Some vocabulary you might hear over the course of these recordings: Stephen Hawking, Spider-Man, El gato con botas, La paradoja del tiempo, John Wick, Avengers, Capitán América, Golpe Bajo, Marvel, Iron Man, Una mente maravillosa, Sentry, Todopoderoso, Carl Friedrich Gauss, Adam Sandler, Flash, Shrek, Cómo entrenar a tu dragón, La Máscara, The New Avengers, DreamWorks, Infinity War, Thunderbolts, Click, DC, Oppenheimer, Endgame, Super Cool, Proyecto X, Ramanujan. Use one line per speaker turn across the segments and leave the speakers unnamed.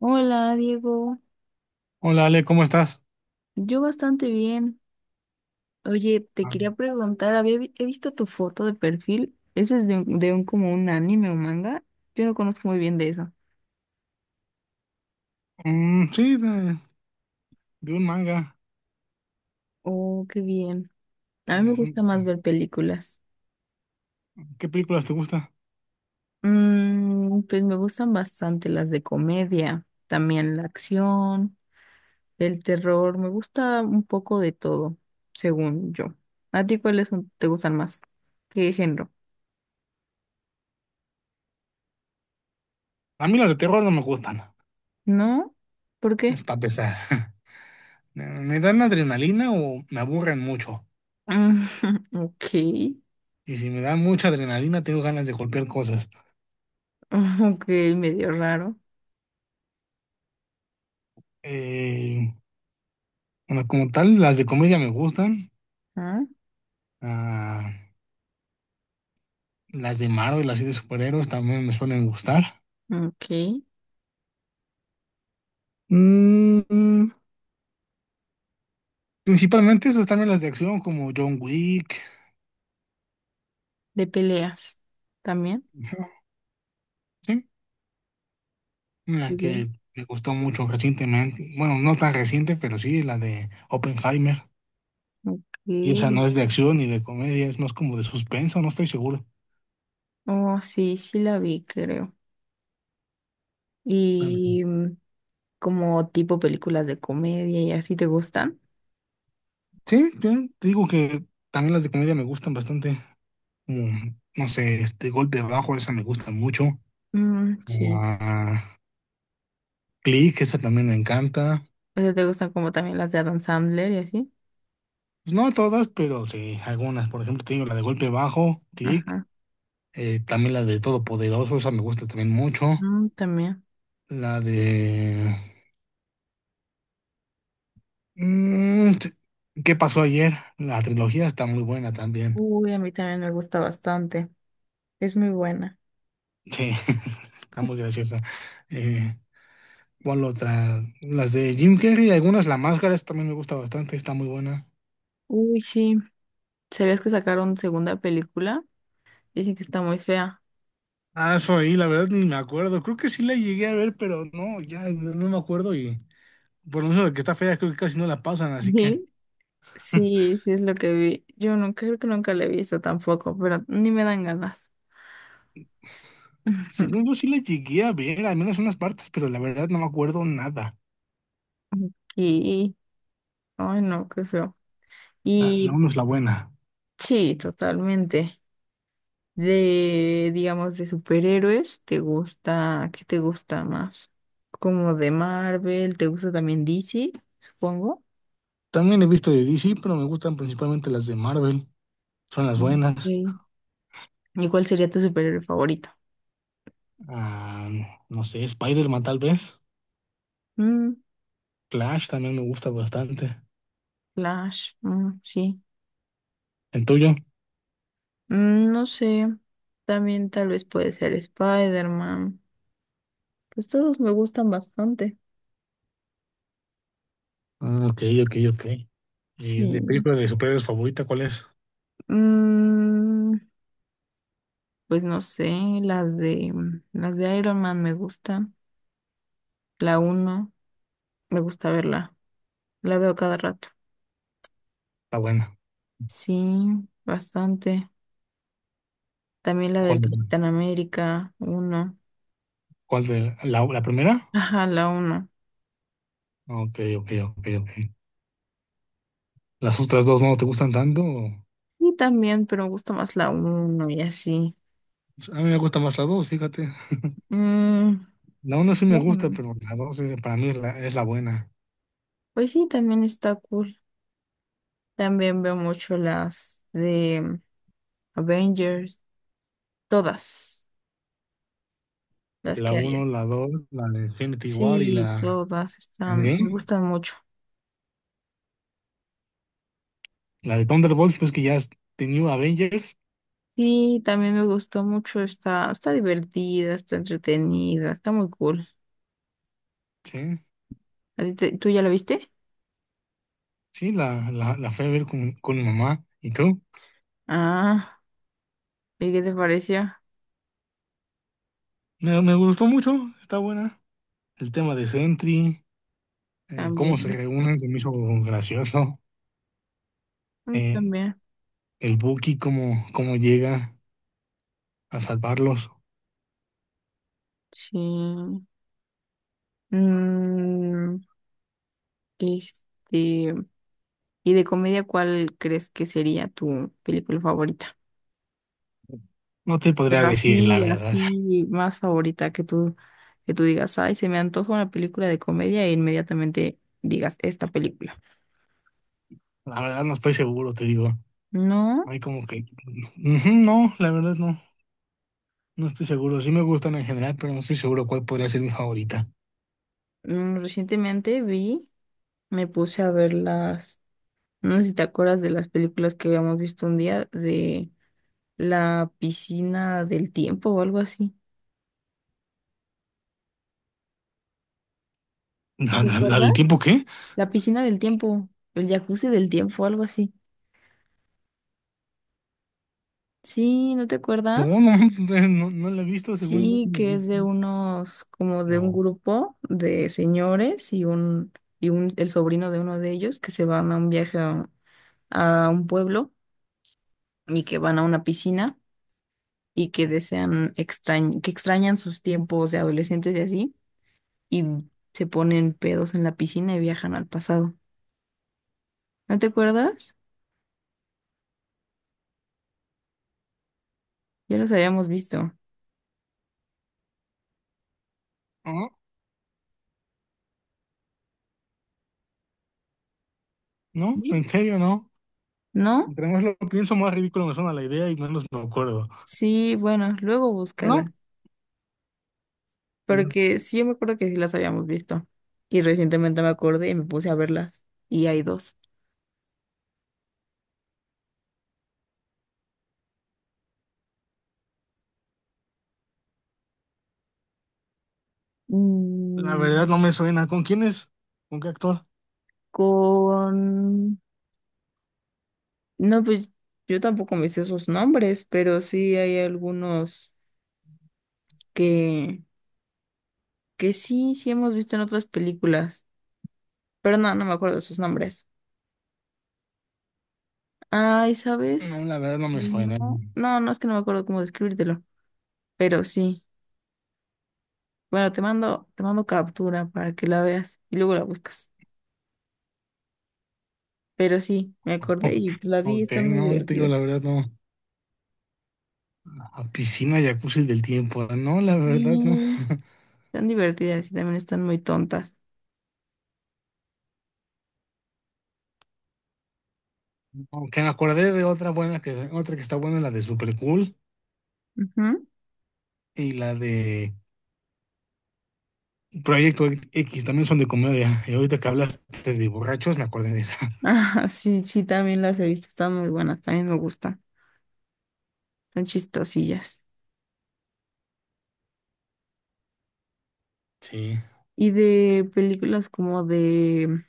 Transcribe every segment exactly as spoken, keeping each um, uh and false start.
Hola, Diego.
Hola Ale, ¿cómo estás?
Yo bastante bien. Oye, te
Ah.
quería preguntar, había vi- he visto tu foto de perfil. ¿Ese es de un, de un como un anime o manga? Yo no conozco muy bien de eso.
Mm, sí, de, de un manga.
Oh, qué bien. A mí
Eh,
me
es
gusta
un-
más
sí.
ver películas.
¿Qué películas te gustan?
Mm, pues me gustan bastante las de comedia, también la acción, el terror. Me gusta un poco de todo, según yo. ¿A ti cuáles son- te gustan más? ¿Qué género?
A mí las de terror no me gustan,
¿No? ¿Por qué?
es para pesar. Me me dan adrenalina o me aburren mucho.
Ok.
Y si me dan mucha adrenalina, tengo ganas de golpear cosas.
Ok, medio raro.
Eh, bueno, como tal, las de comedia me gustan.
Ah,
Ah, las de Marvel, las de superhéroes también me suelen gustar.
ok.
Mm, Principalmente esas también las de acción, como John Wick.
De peleas también.
La
Digo,
que me gustó mucho recientemente, bueno, no tan reciente, pero sí, la de Oppenheimer. Y esa
ok.
no es de acción ni de comedia, es más como de suspenso, no estoy seguro.
Oh, sí, sí la vi, creo. Y mm, como tipo películas de comedia y así te gustan.
Sí, yo te digo que también las de comedia me gustan bastante. Como, no sé, este Golpe Bajo, esa me gusta mucho.
Mm, sí.
Ah, Click, esa también me encanta.
O sea, te gustan como también las de Adam Sandler y así.
Pues no todas, pero sí, algunas. Por ejemplo, te digo la de Golpe Bajo, Click.
Ajá.
Eh, también la de Todopoderoso, esa me gusta también mucho.
Mm, también.
La de Mm, t- ¿Qué pasó ayer? La trilogía está muy buena también.
Uy, a mí también me gusta bastante. Es muy buena.
Sí, está muy graciosa. Eh, ¿Cuál otra? Las de Jim Carrey, algunas, La Máscara, esa también me gusta bastante, está muy buena.
Uy, sí. ¿Sabías que sacaron segunda película? Dicen que está muy fea.
Ah, eso ahí, la verdad ni me acuerdo. Creo que sí la llegué a ver, pero no, ya no no me acuerdo y por lo menos de que está fea, creo que casi no la pasan, así que…
Sí, sí es lo que vi. Yo no creo que nunca la he visto tampoco, pero ni me dan ganas.
Según yo sí la llegué a ver, al menos unas partes, pero la verdad no me acuerdo nada.
Y, ay no, qué feo.
La, la
Y
uno es la buena.
sí, totalmente. De, digamos, de superhéroes, ¿te gusta? ¿Qué te gusta más? Como de Marvel, ¿te gusta también D C, supongo?
También he visto de D C, pero me gustan principalmente las de Marvel. Son las
Mm,
buenas.
sí. ¿Y cuál sería tu superhéroe favorito?
Ah, no sé, Spider-Man tal vez.
Mm,
Flash también me gusta bastante.
Flash, mm, sí.
¿El tuyo?
Mm, no sé. También tal vez puede ser Spider-Man. Pues todos me gustan bastante.
Ah, ok, ok, ok. ¿Y de
Sí.
película de superhéroes favorita cuál es?
Mm, pues no sé, las de mm, las de Iron Man me gustan. La uno me gusta verla. La veo cada rato.
Está buena.
Sí, bastante. También la del
¿Cuál otra?
Capitán América uno.
¿Cuál de la, la primera?
Ajá, la uno.
Ok, ok, ok, ok. ¿Las otras dos no te gustan tanto? ¿O?
Y también, pero me gusta más la uno y así.
A mí me gusta más la dos, fíjate.
Mm,
La uno sí me
más o
gusta, pero
menos.
la dos eh, para mí es la, es la buena.
Pues sí, también está cool. También veo mucho las de mm, Avengers, todas las
La
que hay.
uno, la dos, la de Infinity War y
Sí,
la
todas están, me
Endgame.
gustan mucho.
La de Thunderbolts, pues que ya es The New Avengers.
Sí, también me gustó mucho, está, está divertida, está entretenida, está muy cool.
Sí.
¿A ti te- ¿Tú ya la viste?
Sí, la, la, la fui a ver con, con mi mamá. ¿Y tú?
Ah, ¿y qué te pareció?
Me, me gustó mucho, está buena. El tema de Sentry, eh, cómo se
También,
reúnen, se me hizo gracioso.
mm,
Eh,
también,
el Buki, cómo, cómo llega a salvarlos.
sí. Mm, este, ¿Y de comedia cuál crees que sería tu película favorita?
No te podría
Pero
decir la
así,
verdad.
así, más favorita que tú, que tú digas, ay, se me antoja una película de comedia e inmediatamente digas esta película.
La verdad no estoy seguro, te digo.
No,
Hay como que… Ujú, no, la verdad no. No estoy seguro. Sí me gustan en general, pero no estoy seguro cuál podría ser mi favorita.
mm, recientemente vi, me puse a ver las, no sé si te acuerdas de las películas que habíamos visto un día de la piscina del tiempo o algo así. ¿No
¿La,
te
la- la
acuerdas?
del tiempo qué?
La piscina del tiempo, el jacuzzi del tiempo, algo así. Sí, ¿no te
No,
acuerdas?
no, no, no la he visto, según yo
Sí,
no la he
que es
visto.
de unos, como de un
No.
grupo de señores y un, y un, el sobrino de uno de ellos que se van a un viaje a a un pueblo y que van a una piscina, y que desean extrañ que extrañan sus tiempos de adolescentes y así, y se ponen pedos en la piscina y viajan al pasado. ¿No te acuerdas? Ya los habíamos visto.
Ah. No,
¿Sí?
en serio, no.
¿No?
Entre más lo pienso, más ridículo me suena la idea y menos me acuerdo.
Sí, bueno, luego
No,
búscalas,
eh,
porque sí, yo me acuerdo que sí las habíamos visto. Y recientemente me acordé y me puse a verlas. Y hay dos.
la verdad
Mm,
no me suena. ¿Con quién es? ¿Con qué actor?
con... No, pues yo tampoco me sé esos nombres, pero sí hay algunos que que sí, sí hemos visto en otras películas, pero no, no me acuerdo de sus nombres. Ay,
No,
¿sabes?
la verdad no me suena.
No, no, no es que no me acuerdo cómo describírtelo, pero sí. Bueno, te mando, te mando captura para que la veas y luego la buscas. Pero sí, me acordé y pues la vi,
Ok,
están muy
no, te digo, la
divertidas.
verdad no. A piscina, jacuzzi del tiempo. No, la verdad no.
Sí, están divertidas y también están muy tontas.
Aunque me acordé de otra buena que, otra que está buena, la de Super Cool
Ujú.
y la de Proyecto X, también son de comedia. Y ahorita que hablaste de borrachos, me acordé de esa.
Ah, sí, sí, también las he visto, están muy buenas, también me gustan, son chistosillas.
Sí.
Y de películas como de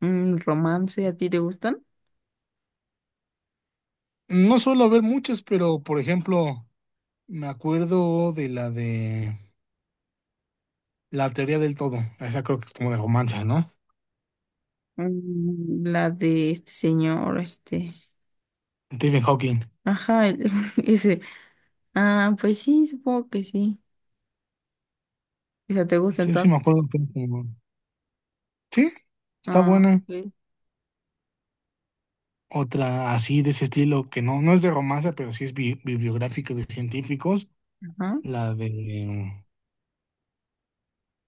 mm, romance, ¿a ti te gustan?
No suelo ver muchas, pero por ejemplo. Me acuerdo de la de la teoría del todo. Esa creo que es como de romance, ¿no?
Mm, La de este señor, este.
Stephen Hawking.
Ajá, el- ese. Ah, pues sí, supongo que sí. O sea, ¿te gusta
Sí, sí, me
entonces?
acuerdo que era como… Sí, está
Ah,
buena.
ok.
Otra así de ese estilo que no, no es de romance, pero sí es bi- bibliográfica de científicos.
Ajá.
La de.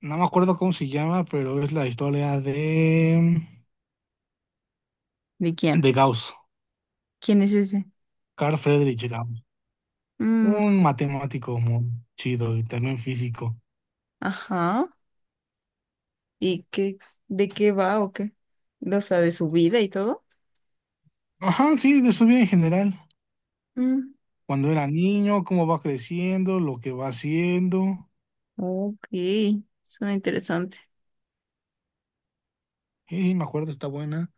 No me acuerdo cómo se llama, pero es la historia de.
¿De quién?
De Gauss.
¿Quién es ese?
Carl Friedrich Gauss.
Mm,
Un matemático muy chido y también físico.
ajá. ¿Y qué, de qué va o qué? O sea, de su vida y todo.
Ajá, sí, de su vida en general.
Mm,
Cuando era niño, cómo va creciendo, lo que va haciendo.
ok, suena interesante.
Y me acuerdo, está buena.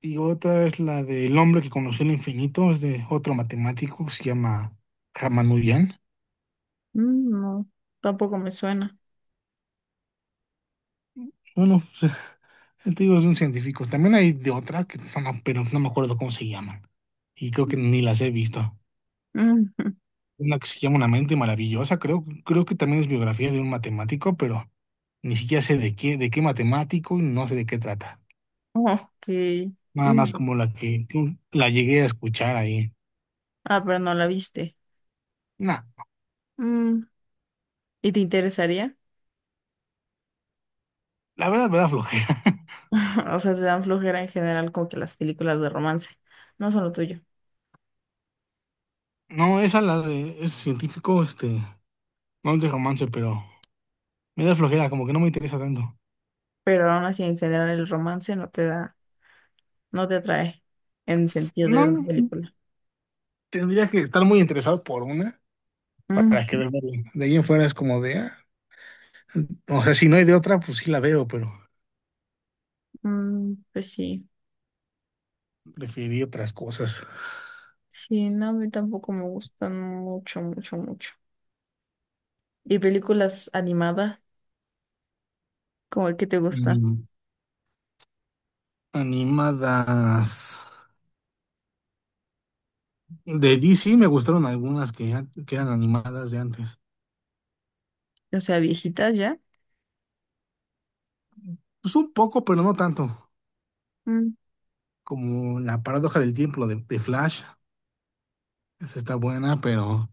Y otra es la del hombre que conoció el infinito, es de otro matemático que se llama Ramanujan.
Mm, no, tampoco me suena.
Bueno, te digo, es un científico. También hay de otra, que no me- pero no me acuerdo cómo se llaman. Y creo que ni las he visto.
Mm,
Una que se llama Una mente maravillosa, creo, creo que también es biografía de un matemático, pero ni siquiera sé de qué, de qué matemático y no sé de qué trata.
ok.
Nada
Mm.
más como la que la llegué a escuchar ahí.
Ah, pero no la viste.
No,
Mm. ¿Y te interesaría?
la verdad me da flojera.
O sea, te dan flojera en general como que las películas de romance. No son lo tuyo.
No, esa la de es científico, este, no es de romance, pero me da flojera, como que no me interesa tanto.
Pero aún así, en general, el romance no te da, no te atrae en el sentido de ver una
No,
película.
tendría que estar muy interesado por una
Mm.
para que verla. Bien. De ahí en fuera es como de, ah, o sea, si no hay de otra, pues sí la veo, pero
Mm, pues sí.
preferiría otras cosas.
Sí, no, a mí tampoco me gustan mucho, mucho, mucho. ¿Y películas animadas? ¿Cómo que te gusta?
Mm, Animadas. De D C me gustaron algunas que, ya- que eran animadas de antes.
O sea, viejitas ya.
Pues un poco, pero no tanto.
Mm.
Como La paradoja del tiempo, de, de Flash. Esa está buena, pero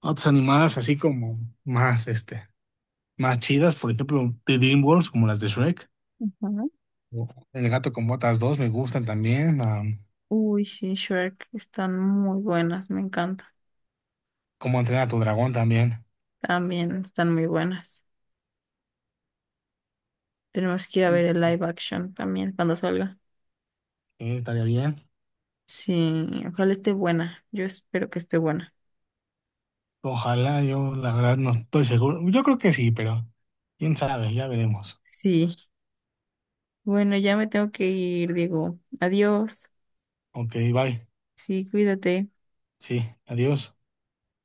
otras animadas así como más, este, más chidas, por ejemplo, de DreamWorks, como las de Shrek.
Ujú.
O El gato con botas dos me gustan también. Como
Uy, sí, Shrek están muy buenas, me encantan.
Cómo entrenar a tu dragón también.
También están muy buenas. Tenemos que ir a
Mm.
ver el live action también cuando salga.
Eh, estaría bien.
Sí, ojalá esté buena. Yo espero que esté buena.
Ojalá, yo la verdad no estoy seguro. Yo creo que sí, pero quién sabe, ya veremos.
Sí. Bueno, ya me tengo que ir, digo. Adiós.
Ok, bye.
Sí, cuídate.
Sí, adiós.